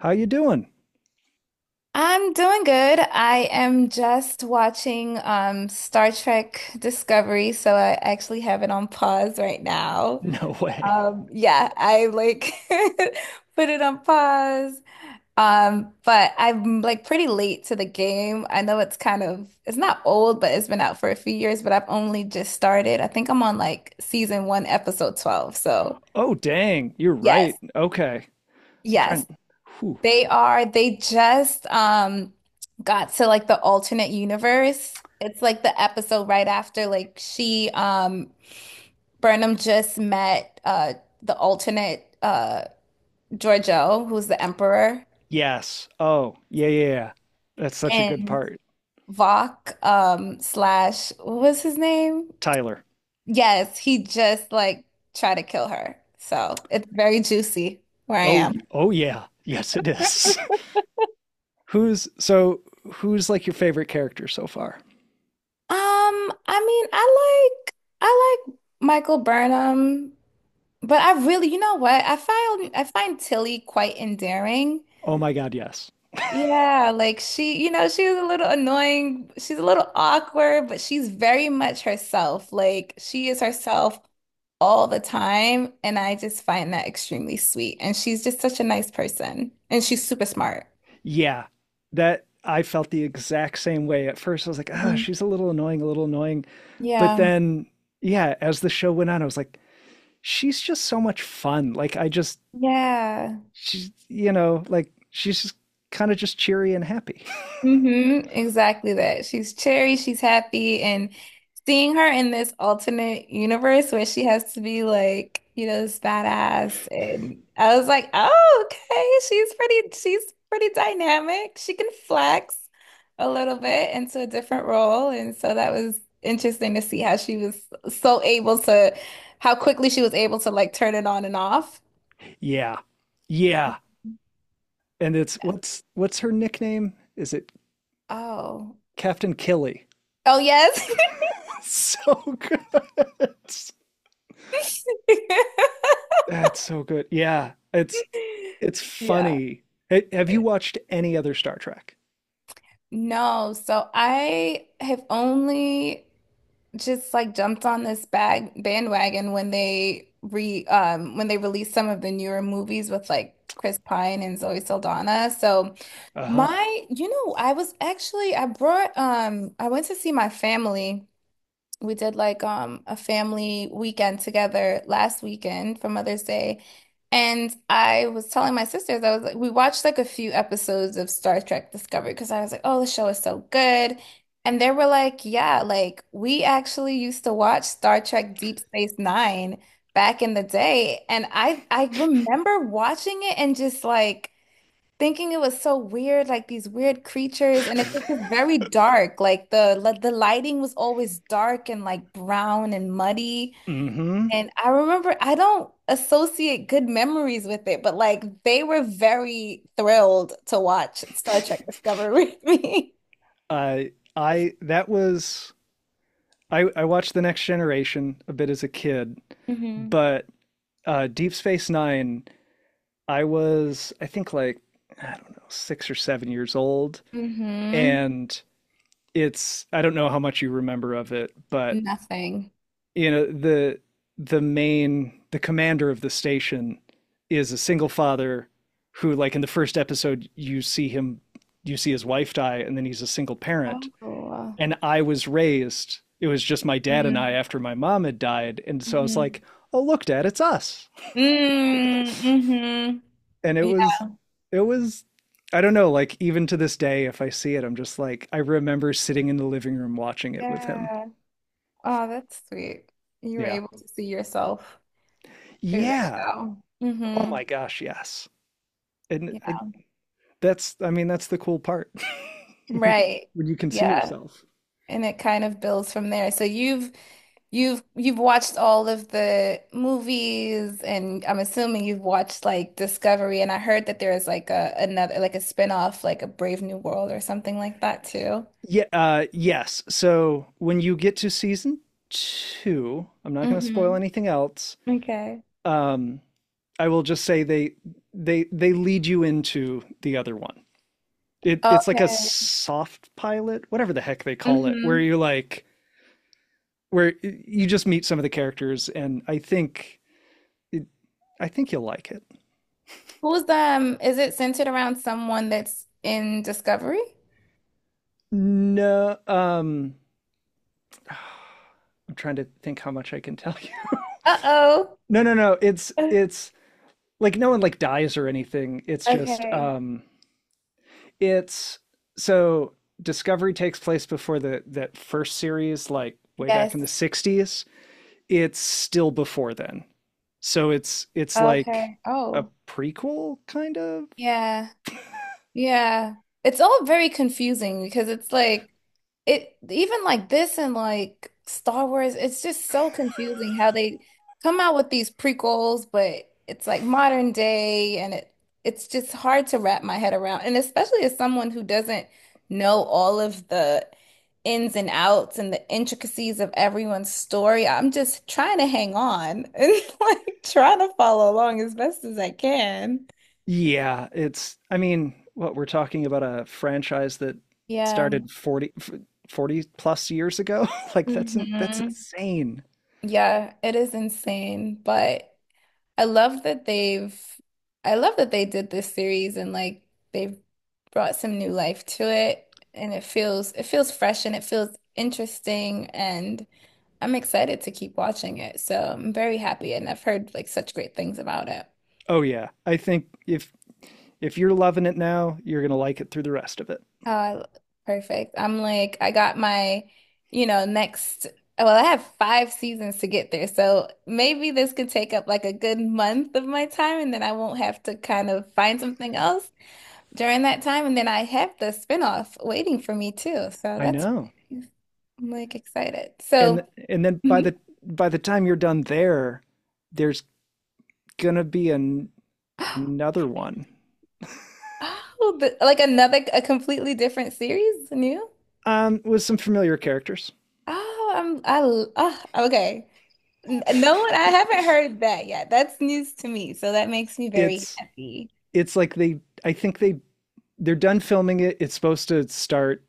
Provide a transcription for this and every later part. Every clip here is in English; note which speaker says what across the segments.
Speaker 1: How you doing?
Speaker 2: I'm doing good. I am just watching Star Trek Discovery, so I actually have it on pause right now.
Speaker 1: No way.
Speaker 2: Yeah, I like put it on pause. But I'm like pretty late to the game. I know it's kind of it's not old, but it's been out for a few years, but I've only just started. I think I'm on like season one, episode 12. So
Speaker 1: Oh, dang. You're
Speaker 2: yes,
Speaker 1: right. Okay. I'm
Speaker 2: yes.
Speaker 1: trying. Whew.
Speaker 2: They just got to like the alternate universe. It's like the episode right after like she Burnham just met the alternate Giorgio, who's the emperor,
Speaker 1: Yes. Oh, yeah, yeah, yeah. That's such a good
Speaker 2: and
Speaker 1: part.
Speaker 2: Vok slash what was his name?
Speaker 1: Tyler.
Speaker 2: Yes, he just like tried to kill her. So it's very juicy where I
Speaker 1: Oh,
Speaker 2: am.
Speaker 1: oh yeah. Yes, it is. who's so Who's like your favorite character so far?
Speaker 2: I mean, I like Michael Burnham. But I really, you know what? I find Tilly quite endearing.
Speaker 1: Oh my God, yes.
Speaker 2: Yeah, like she's a little annoying. She's a little awkward, but she's very much herself. Like she is herself all the time, and I just find that extremely sweet. And she's just such a nice person, and she's super smart.
Speaker 1: Yeah. That I felt the exact same way. At first, I was like, ah,
Speaker 2: Mhm.
Speaker 1: she's a little annoying, a little annoying. But
Speaker 2: Yeah.
Speaker 1: then, yeah, as the show went on, I was like, she's just so much fun. Like, I just,
Speaker 2: Yeah.
Speaker 1: she's, like, she's kind of just cheery and happy.
Speaker 2: Exactly that. She's cheery, she's happy, and seeing her in this alternate universe where she has to be like, this badass. And I was like, oh, okay, she's pretty dynamic. She can flex a little bit into a different role. And so that was interesting to see so able to, how quickly she was able to like turn it on and off.
Speaker 1: Yeah, yeah, and it's, what's her nickname? Is it
Speaker 2: Oh,
Speaker 1: Captain Killy?
Speaker 2: oh, yes.
Speaker 1: So good. That's so good. Yeah, it's it's
Speaker 2: Yeah.
Speaker 1: funny. Have you watched any other Star Trek?
Speaker 2: No, so I have only just like jumped on this bag bandwagon when they released some of the newer movies with like Chris Pine and Zoe Saldana. So
Speaker 1: Uh-huh.
Speaker 2: my, you know, I was actually I went to see my family. We did like a family weekend together last weekend for Mother's Day. And I was telling my sisters, I was like, we watched like a few episodes of Star Trek Discovery because I was like, oh, the show is so good. And they were like, yeah, like we actually used to watch Star Trek Deep Space Nine back in the day. And I remember watching it and just like thinking it was so weird, like these weird creatures, and it was just very dark. Like the lighting was always dark and like brown and muddy.
Speaker 1: Mm-hmm.
Speaker 2: And I remember I don't associate good memories with it, but like they were very thrilled to watch Star Trek Discovery with me.
Speaker 1: I i that was i i watched The Next Generation a bit as a kid,
Speaker 2: Hmm.
Speaker 1: but Deep Space Nine, I was, I think, like, I don't know, 6 or 7 years old.
Speaker 2: Hmm.
Speaker 1: And it's, I don't know how much you remember of it, but,
Speaker 2: Nothing.
Speaker 1: the, the commander of the station is a single father who, like, in the first episode, you see him, you see his wife die, and then he's a single parent.
Speaker 2: Oh.
Speaker 1: And I was raised, it was just my dad and I
Speaker 2: Mm-hmm.
Speaker 1: after my mom had died. And so I was like, oh, look, dad, it's us.
Speaker 2: Mm-hmm.
Speaker 1: And it
Speaker 2: Yeah.
Speaker 1: was, it was I don't know, like, even to this day, if I see it, I'm just like, I remember sitting in the living room watching it with him.
Speaker 2: Yeah. Oh, that's sweet. You were
Speaker 1: Yeah.
Speaker 2: able to see yourself through the
Speaker 1: Yeah.
Speaker 2: show.
Speaker 1: Oh
Speaker 2: Hmm.
Speaker 1: my gosh, yes. And
Speaker 2: Yeah.
Speaker 1: I, that's, I mean, that's the cool part. When
Speaker 2: Right.
Speaker 1: you can see
Speaker 2: Yeah.
Speaker 1: yourself.
Speaker 2: And it kind of builds from there. So you've watched all of the movies and I'm assuming you've watched like Discovery and I heard that there is like a another like a spin-off like a Brave New World or something like that too.
Speaker 1: Yeah, yes. So when you get to season 2, I'm not going to spoil
Speaker 2: Hmm.
Speaker 1: anything else.
Speaker 2: Okay.
Speaker 1: Um I will just say they they lead you into the other one. It's like a
Speaker 2: Okay.
Speaker 1: soft pilot, whatever the heck they call it, where
Speaker 2: Hmm.
Speaker 1: you like where you just meet some of the characters, and it, I think you'll like it.
Speaker 2: Who's Is it centered around someone that's in Discovery?
Speaker 1: No, I'm trying to think how much I can tell you.
Speaker 2: Uh-oh.
Speaker 1: No, no, no. It's it's like no one like dies or anything. It's just,
Speaker 2: Okay.
Speaker 1: it's so Discovery takes place before the that first series, like way back
Speaker 2: Yes.
Speaker 1: in the '60s. It's still before then. So it's like
Speaker 2: Okay.
Speaker 1: a
Speaker 2: Oh.
Speaker 1: prequel, kind of.
Speaker 2: Yeah, yeah. It's all very confusing because it's like it even like this and like Star Wars, it's just so confusing how they come out with these prequels, but it's like modern day and it's just hard to wrap my head around. And especially as someone who doesn't know all of the ins and outs and the intricacies of everyone's story, I'm just trying to hang on and like trying to follow along as best as I can.
Speaker 1: Yeah, it's I mean, what we're talking about, a franchise that
Speaker 2: Yeah.
Speaker 1: started forty plus years ago. That's
Speaker 2: Hmm.
Speaker 1: insane.
Speaker 2: Yeah, it is insane, but I love that they've I love that they did this series and like they've brought some new life to it and it feels fresh and it feels interesting and I'm excited to keep watching it. So I'm very happy and I've heard like such great things about it.
Speaker 1: Oh yeah. I think if you're loving it now, you're going to like it through the rest of it.
Speaker 2: Oh, perfect. I'm like, I got my, you know, next, well, I have five seasons to get there. So maybe this could take up like a good month of my time, and then I won't have to kind of find something else during that time. And then I have the spinoff waiting for me too. So
Speaker 1: I
Speaker 2: that's,
Speaker 1: know.
Speaker 2: really nice. I'm like excited.
Speaker 1: And
Speaker 2: So,
Speaker 1: and then by
Speaker 2: Mhm.
Speaker 1: the time you're done there, there's going to be an another one
Speaker 2: Oh, a completely different series, new?
Speaker 1: with some familiar characters.
Speaker 2: Oh, I'm, I, l- ah, okay. No, I haven't heard that yet. That's news to me, so that makes me very
Speaker 1: it's
Speaker 2: happy.
Speaker 1: it's like they I think they're done filming it. It's supposed to start,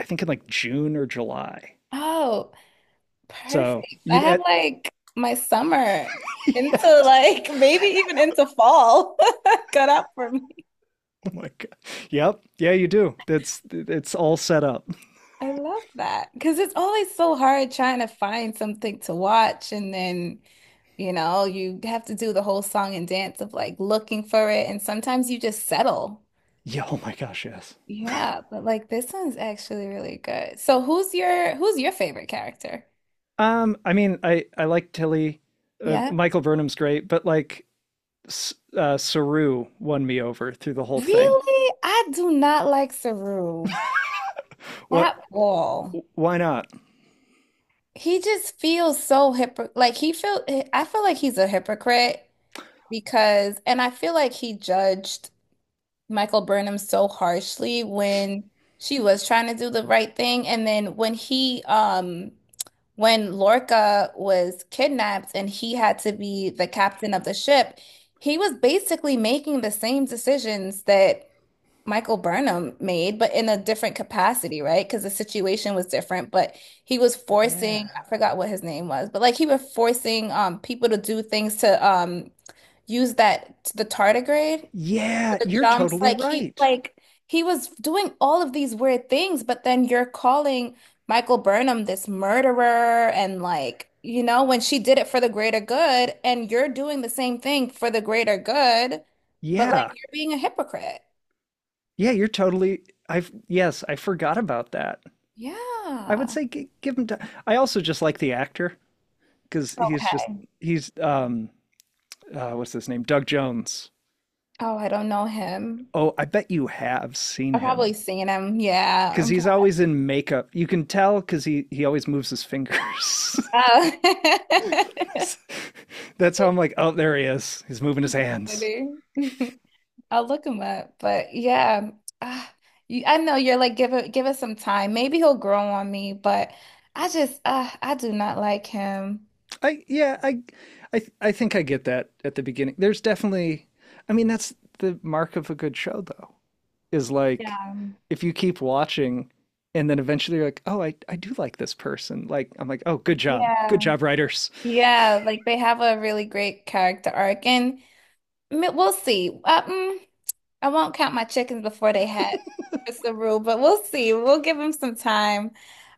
Speaker 1: I think, in like June or July.
Speaker 2: Oh,
Speaker 1: So
Speaker 2: perfect. I
Speaker 1: you
Speaker 2: have
Speaker 1: that.
Speaker 2: like my summer into like maybe even into fall cut out for me.
Speaker 1: Oh my god. Yep. Yeah, you do. That's It's all set up.
Speaker 2: I love that because it's always so hard trying to find something to watch and then you know, you have to do the whole song and dance of like looking for it, and sometimes you just settle.
Speaker 1: Yeah, oh my gosh, yes.
Speaker 2: Yeah, but like this one's actually really good. So who's your favorite character?
Speaker 1: I mean, I like Tilly.
Speaker 2: Yeah.
Speaker 1: Michael Burnham's great, but like Saru won me over through the whole thing.
Speaker 2: Really? I do not like Saru
Speaker 1: What
Speaker 2: at all.
Speaker 1: Why not?
Speaker 2: He just feels so hypocrite. Like he feel I feel like he's a hypocrite because and I feel like he judged Michael Burnham so harshly when she was trying to do the right thing. And then when Lorca was kidnapped and he had to be the captain of the ship, he was basically making the same decisions that Michael Burnham made, but in a different capacity, right? Because the situation was different, but he was
Speaker 1: Yeah.
Speaker 2: forcing, I forgot what his name was, but like he was forcing people to do things to use that the tardigrade for
Speaker 1: Yeah,
Speaker 2: the
Speaker 1: you're
Speaker 2: jumps.
Speaker 1: totally
Speaker 2: Like he
Speaker 1: right.
Speaker 2: like he was doing all of these weird things, but then you're calling Michael Burnham this murderer and like, you know, when she did it for the greater good and you're doing the same thing for the greater good, but like
Speaker 1: Yeah.
Speaker 2: you're being a hypocrite.
Speaker 1: Yeah, you're totally. I've Yes, I forgot about that. I would
Speaker 2: Yeah.
Speaker 1: say give him. I also just like the actor because he's just
Speaker 2: Okay.
Speaker 1: he's what's his name, Doug Jones.
Speaker 2: Oh, I don't know him.
Speaker 1: Oh, I bet you have seen
Speaker 2: I've
Speaker 1: him
Speaker 2: probably seen him. Yeah.
Speaker 1: because he's always in makeup. You can tell because he always moves his fingers.
Speaker 2: Oh.
Speaker 1: That's how I'm like, oh, there he is. He's moving his hands.
Speaker 2: Funny. I'll look him up. But yeah, ah, I know you're like give it some time. Maybe he'll grow on me, but I do not like him.
Speaker 1: I Yeah, I think I get that at the beginning. There's definitely. I mean, that's the mark of a good show, though, is like,
Speaker 2: Yeah.
Speaker 1: if you keep watching and then eventually you're like, oh, I do like this person. Like, I'm like, oh, good job. Good
Speaker 2: Yeah.
Speaker 1: job, writers.
Speaker 2: Yeah, like they have a really great character arc and we'll see. I won't count my chickens before they hatch. It's the rule, but we'll see. We'll give him some time.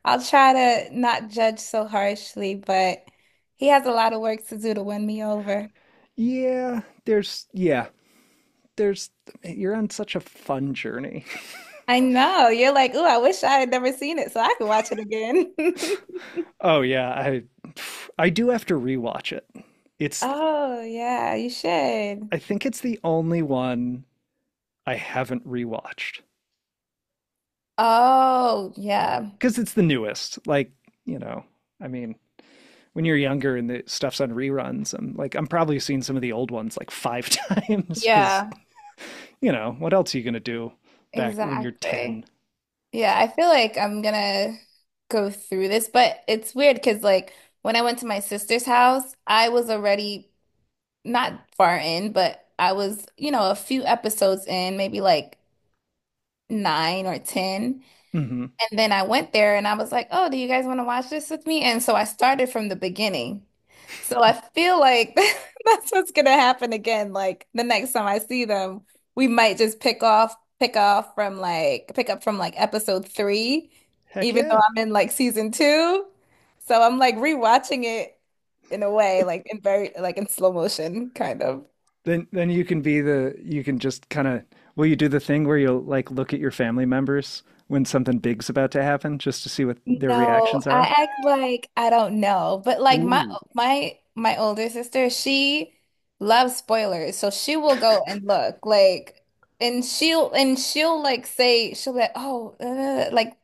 Speaker 2: I'll try to not judge so harshly, but he has a lot of work to do to win me over.
Speaker 1: Yeah, there's, you're on such a fun journey.
Speaker 2: I know. You're like, ooh, I wish I had never seen it so I could watch it again.
Speaker 1: Oh, yeah, I do have to rewatch it. It's,
Speaker 2: Oh, yeah, you should.
Speaker 1: I think it's the only one I haven't rewatched
Speaker 2: Oh, yeah.
Speaker 1: because it's the newest. Like, you know, I mean, when you're younger and the stuff's on reruns, I'm like, I'm probably seeing some of the old ones like five times because,
Speaker 2: Yeah,
Speaker 1: you know, what else are you gonna do back when you're 10?
Speaker 2: exactly. Yeah, I feel like I'm gonna go through this, but it's weird because, like, when I went to my sister's house, I was already not far in, but I was, a few episodes in, maybe like nine or 10.
Speaker 1: Hmm.
Speaker 2: And then I went there and I was like, oh, do you guys want to watch this with me? And so I started from the beginning. So I feel like that's what's gonna happen again. Like the next time I see them, we might just pick off from like, pick up from like episode three,
Speaker 1: Heck
Speaker 2: even though
Speaker 1: yeah.
Speaker 2: I'm in like season two. So I'm like rewatching it in a way, like in slow motion, kind of.
Speaker 1: Then you can be the, you can just kind of, will you do the thing where you'll like look at your family members when something big's about to happen just to see what their
Speaker 2: No,
Speaker 1: reactions
Speaker 2: I
Speaker 1: are?
Speaker 2: act like I don't know. But like my
Speaker 1: Ooh,
Speaker 2: my my older sister, she loves spoilers. So she will go and look like and she'll like say she'll be like, "Oh, like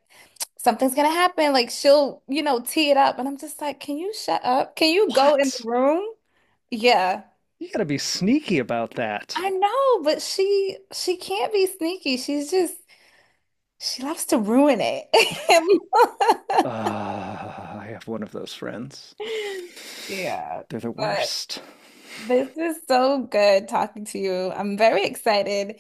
Speaker 2: something's gonna happen." Like she'll tee it up and I'm just like, "Can you shut up? Can you go in the
Speaker 1: what?
Speaker 2: room?" Yeah.
Speaker 1: You gotta be sneaky about that.
Speaker 2: I know, but she can't be sneaky. She loves to ruin it.
Speaker 1: Ah, I have one of those friends.
Speaker 2: Yeah.
Speaker 1: They're the
Speaker 2: But
Speaker 1: worst.
Speaker 2: this is so good talking to you. I'm very excited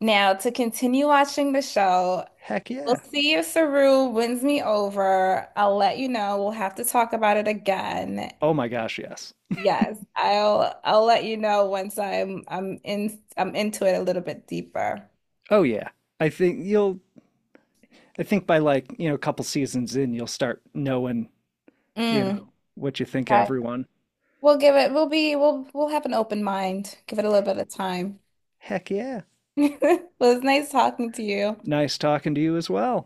Speaker 2: now to continue watching the show.
Speaker 1: Heck
Speaker 2: We'll
Speaker 1: yeah.
Speaker 2: see if Saru wins me over. I'll let you know. We'll have to talk about it again.
Speaker 1: Oh my gosh, yes.
Speaker 2: Yes, I'll let you know once I'm into it a little bit deeper.
Speaker 1: Oh yeah. I think you'll I think by, like, a couple seasons in, you'll start knowing, you know,
Speaker 2: Mm,
Speaker 1: what you think
Speaker 2: okay.
Speaker 1: everyone.
Speaker 2: We'll have an open mind. Give it a little bit of time.
Speaker 1: Heck yeah.
Speaker 2: Well, it's nice talking to you.
Speaker 1: Nice talking to you as well.